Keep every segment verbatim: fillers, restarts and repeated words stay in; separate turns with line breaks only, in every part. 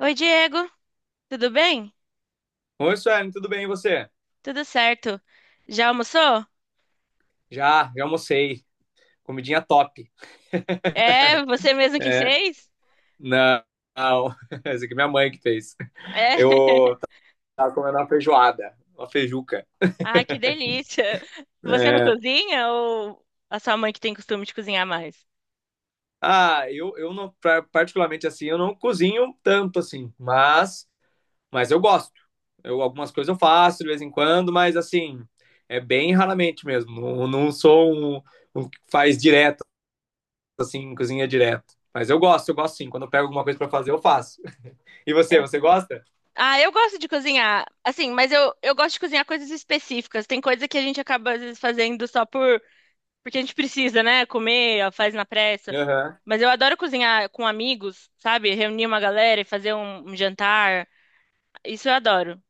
Oi, Diego, tudo bem?
Oi, Suelen, tudo bem e você?
Tudo certo. Já almoçou?
Já, já almocei. Comidinha top.
É, você mesmo que
É,
fez?
não, não. Essa aqui é minha mãe que fez.
É.
Eu tava comendo uma feijoada, uma feijuca.
Ah, que delícia. Você não
É.
cozinha ou a sua mãe que tem costume de cozinhar mais?
Ah, eu, eu não, pra- particularmente assim, eu não cozinho tanto assim, mas, mas eu gosto. Eu, algumas coisas eu faço de vez em quando, mas assim, é bem raramente mesmo. Não, não sou um, um que faz direto. Assim, cozinha direto. Mas eu gosto, eu gosto sim. Quando eu pego alguma coisa pra fazer, eu faço. E você,
É.
você gosta?
Ah, eu gosto de cozinhar, assim, mas eu, eu gosto de cozinhar coisas específicas. Tem coisa que a gente acaba às vezes fazendo só por porque a gente precisa, né? Comer, ó, faz na pressa.
Aham.
Mas eu adoro cozinhar com amigos, sabe? Reunir uma galera e fazer um um jantar. Isso eu adoro.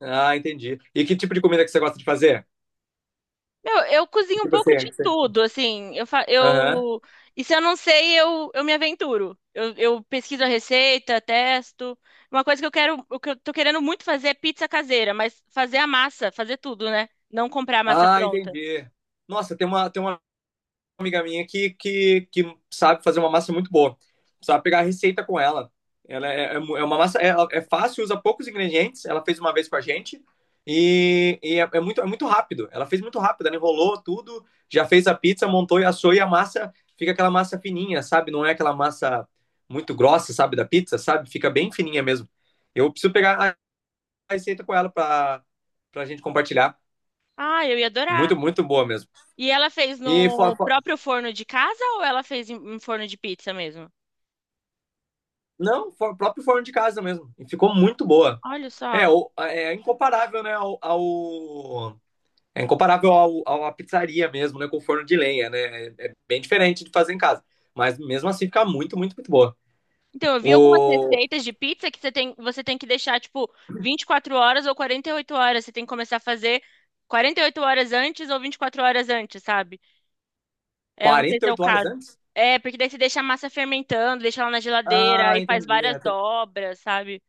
Ah, entendi. E que tipo de comida que você gosta de fazer?
Meu, eu
Que
cozinho um
tipo assim,
pouco
é
de
que você...
tudo, assim, eu, fa-
Aham.
eu, e se eu não sei, eu, eu me aventuro. Eu, eu pesquiso a receita, testo. Uma coisa que eu quero, o que eu tô querendo muito fazer é pizza caseira, mas fazer a massa, fazer tudo, né? Não comprar a massa
Ah,
pronta.
entendi. Nossa, tem uma, tem uma amiga minha que, que, que sabe fazer uma massa muito boa. Sabe pegar a receita com ela. Ela é, é é uma massa, é, é fácil, usa poucos ingredientes. Ela fez uma vez com a gente e, e é, é muito, é muito rápido. Ela fez muito rápido, ela enrolou tudo, já fez a pizza, montou e assou, e a massa fica aquela massa fininha, sabe? Não é aquela massa muito grossa, sabe, da pizza, sabe? Fica bem fininha mesmo. Eu preciso pegar a receita com ela para para a gente compartilhar.
Ah, eu ia adorar.
Muito, muito boa mesmo.
E ela fez
E Flá,
no próprio forno de casa ou ela fez em em forno de pizza mesmo?
Não, for, próprio forno de casa mesmo. E ficou muito boa.
Olha
É,
só.
o- é incomparável, né. ao, ao- É incomparável ao, ao- à pizzaria mesmo, né, com forno de lenha, né? É, é bem diferente de fazer em casa. Mas mesmo assim fica muito, muito, muito boa.
Então, eu vi algumas
O
receitas de pizza que você tem, você tem que deixar, tipo, vinte e quatro horas ou quarenta e oito horas. Você tem que começar a fazer quarenta e oito horas antes ou vinte e quatro horas antes, sabe? É, eu não sei
quarenta
se
e
é o
oito horas
caso.
antes?
É, porque daí você deixa a massa fermentando, deixa ela na geladeira
Ah,
e faz
entendi.
várias
Ela tem
dobras, sabe?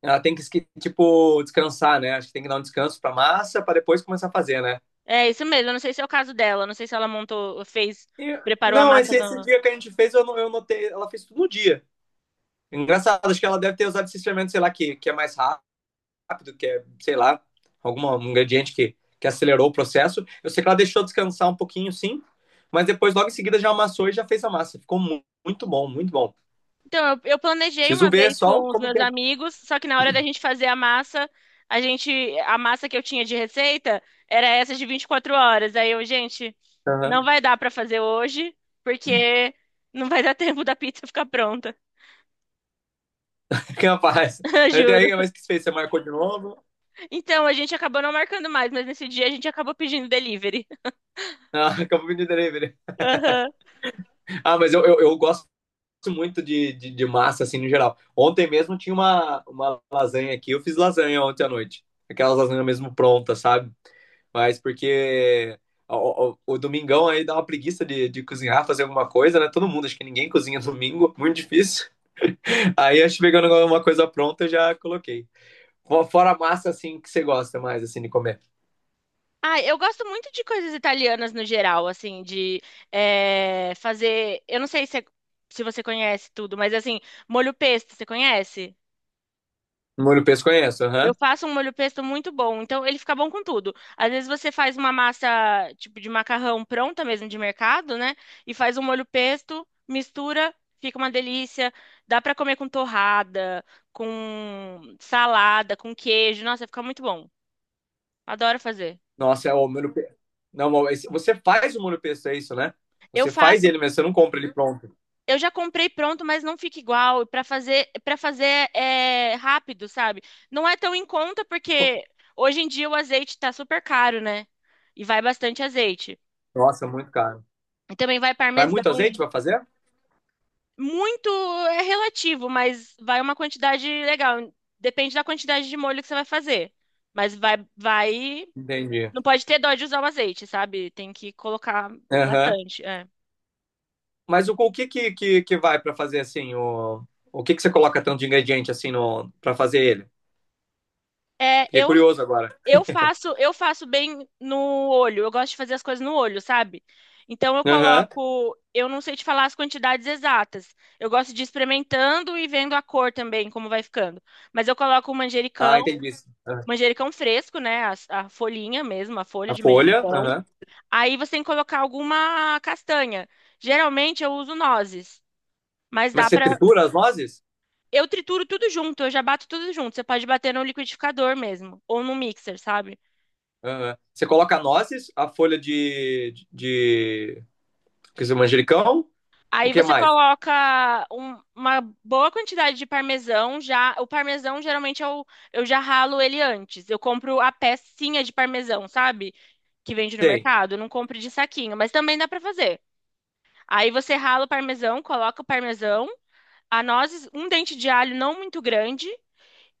ela tem que, esque- tipo, descansar, né? Acho que tem que dar um descanso pra massa pra depois começar a fazer, né?
É isso mesmo. Eu não sei se é o caso dela. Eu não sei se ela montou, fez,
E-
preparou a
não,
massa
esse, esse
do.
dia que a gente fez, eu, não- eu notei, ela fez tudo no dia. Engraçado, acho que ela deve ter usado esse fermento, sei lá, que, que é mais rápido rápido, que é, sei lá, algum um ingrediente que, que acelerou o processo. Eu sei que ela deixou descansar um pouquinho, sim, mas depois, logo em seguida, já amassou e já fez a massa. Ficou mu- muito bom, muito bom.
Então, eu, eu planejei
Preciso
uma
ver
vez
só
com os
como que
meus
é.
amigos, só que na hora da gente fazer a massa, a gente, a massa que eu tinha de receita era essa de vinte e quatro horas. Aí eu, gente, não
Aham.
vai dar pra fazer hoje, porque não vai dar tempo da pizza ficar pronta,
Que rapaz.
juro.
Daí, mas que fez? Você marcou de novo?
Então, a gente acabou não marcando mais, mas nesse dia a gente acabou pedindo delivery.
Ah, acabou de delivery.
Aham.
Ah, mas eu, eu, eu gosto muito de, de, de massa, assim, no geral. Ontem mesmo tinha uma, uma lasanha aqui. Eu fiz lasanha ontem à noite. Aquelas lasanhas mesmo prontas, sabe? Mas porque o, o- o domingão aí dá uma preguiça de, de cozinhar, fazer alguma coisa, né? Todo mundo, acho que ninguém cozinha domingo, muito difícil. Aí acho que pegando uma coisa pronta, eu já coloquei. Fora a massa, assim, que você gosta mais, assim, de comer.
Ah, eu gosto muito de coisas italianas no geral, assim, de eh, fazer. Eu não sei se, é- se você conhece tudo, mas assim, molho pesto, você conhece?
Molho pesto conheço,
Eu
aham.
faço um molho pesto muito bom, então ele fica bom com tudo. Às vezes você faz uma massa tipo de macarrão pronta mesmo de mercado, né? E faz um molho pesto, mistura, fica uma delícia. Dá pra comer com torrada, com salada, com queijo. Nossa, fica muito bom. Adoro fazer.
Nossa, é o molho pesto. Não, mas você faz o molho pesto, é isso, né?
Eu
Você faz
faço,
ele mesmo, você não compra ele pronto.
eu já comprei pronto, mas não fica igual. E para fazer, para fazer é rápido, sabe? Não é tão em conta
Co-
porque hoje em dia o azeite tá super caro, né? E vai bastante azeite.
Nossa, é muito caro.
E também vai
Vai
parmesão.
muito azeite pra fazer?
Muito é relativo, mas vai uma quantidade legal. Depende da quantidade de molho que você vai fazer. Mas vai, vai.
Entendi.
Não pode ter dó de usar o azeite, sabe? Tem que colocar
Aham.
bastante. É,
Mas o, o que, que, que, que vai para fazer assim? O, o que, que você coloca tanto de ingrediente assim no, para fazer ele?
É,
Fiquei
eu,
curioso agora.
eu faço, eu faço bem no olho. Eu gosto de fazer as coisas no olho, sabe? Então eu
Aham.
coloco. Eu não sei te falar as quantidades exatas. Eu gosto de ir experimentando e vendo a cor também, como vai ficando. Mas eu coloco o manjericão.
Ah, entendi. Aham.
Manjericão fresco, né? A, a folhinha mesmo, a folha
A
de
folha.
manjericão.
Aham.
Aí você tem que colocar alguma castanha. Geralmente eu uso nozes, mas
Mas
dá
você
pra.
tritura as nozes?
Eu trituro tudo junto, eu já bato tudo junto. Você pode bater no liquidificador mesmo, ou no mixer, sabe?
Aham. Você coloca nozes, a folha, de, de, de... quer dizer, manjericão? O
Aí
que
você
mais?
coloca um- uma boa quantidade de parmesão. Já o parmesão geralmente eu, eu já ralo ele antes. Eu compro a pecinha de parmesão, sabe? Que vende no
Tem.
mercado. Eu não compro de saquinho, mas também dá pra fazer. Aí você rala o parmesão, coloca o parmesão, a nozes, um dente de alho não muito grande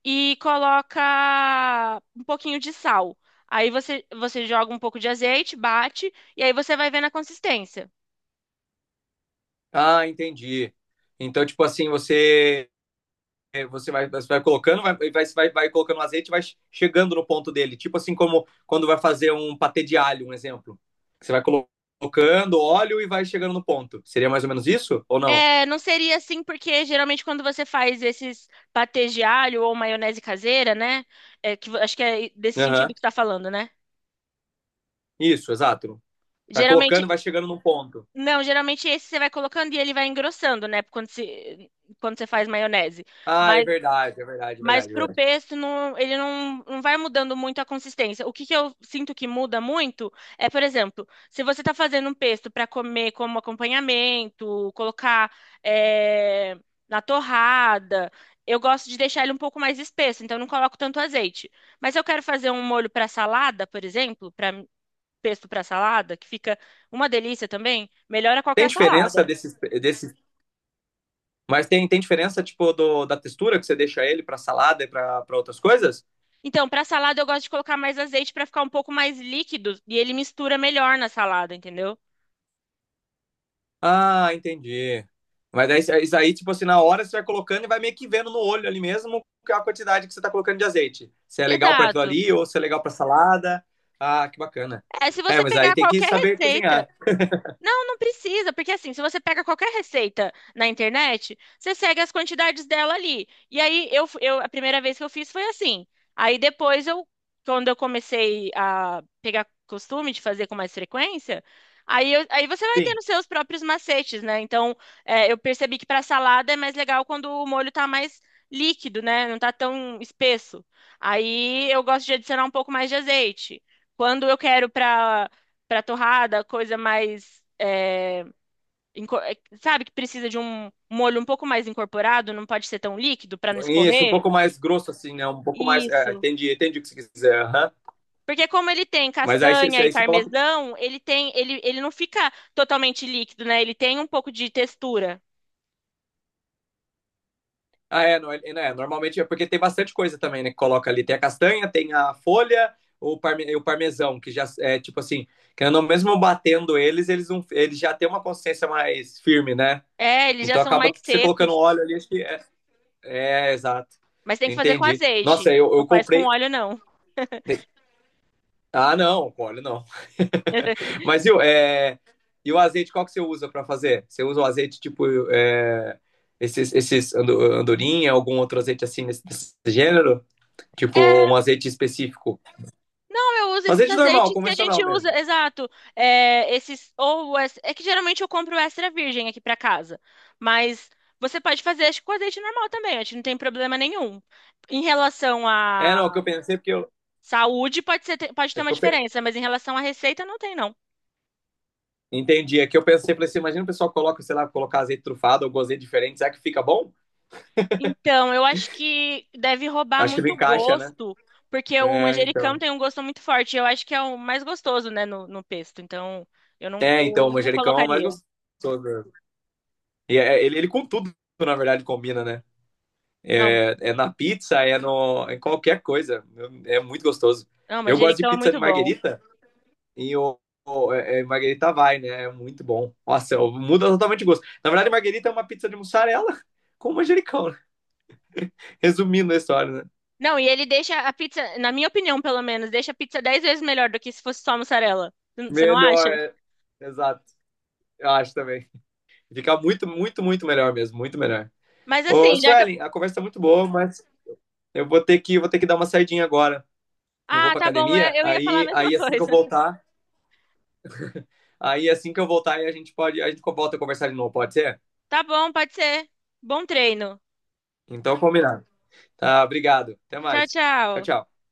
e coloca um pouquinho de sal. Aí você, você joga um pouco de azeite, bate e aí você vai vendo a consistência.
Ah, entendi. Então, tipo assim, você É, você vai, você vai colocando, vai, vai, vai colocando o azeite e vai chegando no ponto dele. Tipo assim, como quando vai fazer um patê de alho, um exemplo. Você vai colocando óleo e vai chegando no ponto. Seria mais ou menos isso? Ou não?
É, não seria assim, porque geralmente quando você faz esses patês de alho ou maionese caseira, né? É, que, vo- acho que é desse sentido
Aham.
que tá falando, né?
Isso, exato. Vai
Geralmente,
colocando e vai chegando no ponto.
não, geralmente esse você vai colocando e ele vai engrossando, né? Quando, se, quando você faz maionese.
Ah, é
Mas
verdade, é verdade, é
Mas
verdade, é
para o
verdade.
pesto, não- ele não, não vai mudando muito a consistência. O que que eu sinto que muda muito é, por exemplo, se você está fazendo um pesto para comer como acompanhamento, colocar é, na torrada, eu gosto de deixar ele um pouco mais espesso, então eu não coloco tanto azeite. Mas se eu quero fazer um molho para salada, por exemplo, para pesto para salada, que fica uma delícia também, melhora
Tem
qualquer
diferença
salada.
desses, desses, mas tem, tem diferença tipo do, da textura que você deixa ele para salada e para outras coisas?
Então, para salada eu gosto de colocar mais azeite para ficar um pouco mais líquido e ele mistura melhor na salada, entendeu?
Ah, entendi. Mas daí, isso isso aí, tipo assim, na hora você vai colocando e vai meio que vendo no olho ali mesmo a quantidade que você tá colocando de azeite. Se é legal para aquilo
Exato.
ali ou se é legal para salada. Ah, que bacana.
É, se
É,
você
mas aí
pegar
tem que
qualquer
saber
receita.
cozinhar.
Não, não precisa, porque assim, se você pega qualquer receita na internet, você segue as quantidades dela ali. E aí, eu, fu- eu, a primeira vez que eu fiz foi assim. Aí depois eu, quando eu comecei a pegar costume de fazer com mais frequência, aí, eu- aí você vai
Sim.
tendo seus próprios macetes, né? Então, é, eu percebi que para salada é mais legal quando o molho tá mais líquido, né? Não tá tão espesso. Aí eu gosto de adicionar um pouco mais de azeite. Quando eu quero para para torrada, coisa mais, é, inco- é, sabe, que precisa de um molho um pouco mais incorporado, não pode ser tão líquido para não
Isso, um
escorrer.
pouco mais grosso assim, né? Um pouco mais. É,
Isso.
entendi, entendi o que você quiser. Aham.
Porque como ele tem
Mas aí, você-
castanha e
aí você coloca.
parmesão, ele tem, ele, ele não fica totalmente líquido, né? Ele tem um pouco de textura.
Ah, é, não, é, não, é, normalmente é porque tem bastante coisa também, né? Que coloca ali. Tem a castanha, tem a folha, o, parme, e o parmesão, que já é tipo assim, querendo ou não, mesmo batendo eles, eles, não, eles já têm uma consistência mais firme, né?
É, eles já
Então
são
acaba
mais
que você colocando
secos,
óleo ali, acho que é. É, exato.
mas tem que fazer com
Entendi.
azeite.
Nossa, eu,
Não
eu
faz com
comprei.
óleo, não.
Ah, não, com óleo não. Mas viu, é, e o azeite, qual que você usa para fazer? Você usa o azeite tipo é, esses, esses ando- andorinha, algum outro azeite assim nesse, desse gênero? Tipo, um
É,
azeite específico.
não, eu uso
Um
esses
azeite normal,
azeites que a
convencional
gente
mesmo.
usa, exato. É, esses ou es- é que geralmente eu compro extra virgem aqui pra casa, mas você pode fazer acho que com azeite normal também, acho que não tem problema nenhum. Em relação
É, não, é o que
à
eu pensei, porque eu.
saúde, pode ser, pode ter
É
uma
que eu pe-
diferença, mas em relação à receita não tem não.
entendi, é que eu pensei, falei assim, imagina o pessoal coloca, sei lá, colocar azeite trufado ou azeite diferente, será que fica bom?
Então, eu acho que deve roubar
Acho que não
muito
encaixa, né?
gosto, porque o
É,
manjericão
então.
tem um gosto muito forte. Eu acho que é o mais gostoso, né, no, no pesto. Então, eu não,
É, então, o
eu não
manjericão é o mais
colocaria.
gostoso. E é- ele, ele com tudo, na verdade, combina, né?
Não,
É, é na pizza, é no, em qualquer coisa. É muito gostoso.
não,
Eu gosto de
manjericão é
pizza de
muito bom.
marguerita. E o, o- é- é Marguerita vai, né? É muito bom. Nossa, eu- muda totalmente o gosto. Na verdade, Marguerita é uma pizza de mussarela com manjericão, né? Resumindo a história, né?
Não, e ele deixa a pizza, na minha opinião, pelo menos, deixa a pizza dez vezes melhor do que se fosse só mussarela. Você não acha?
Melhor, é. Exato. Eu acho também. Fica muito, muito, muito melhor mesmo. Muito melhor.
Mas
Ô,
assim, já que eu...
Suelen, a conversa tá muito boa, mas eu vou ter que, vou ter que dar uma saidinha agora. Eu vou
Ah,
pra
tá bom,
academia,
é, eu ia falar a
aí,
mesma
aí assim que eu
coisa.
voltar, aí assim que eu voltar, aí a gente pode, a gente volta a conversar de novo, pode ser?
Tá bom, pode ser. Bom treino.
Então, combinado. Tá, obrigado. Até
Tchau,
mais. Tchau,
tchau.
tchau.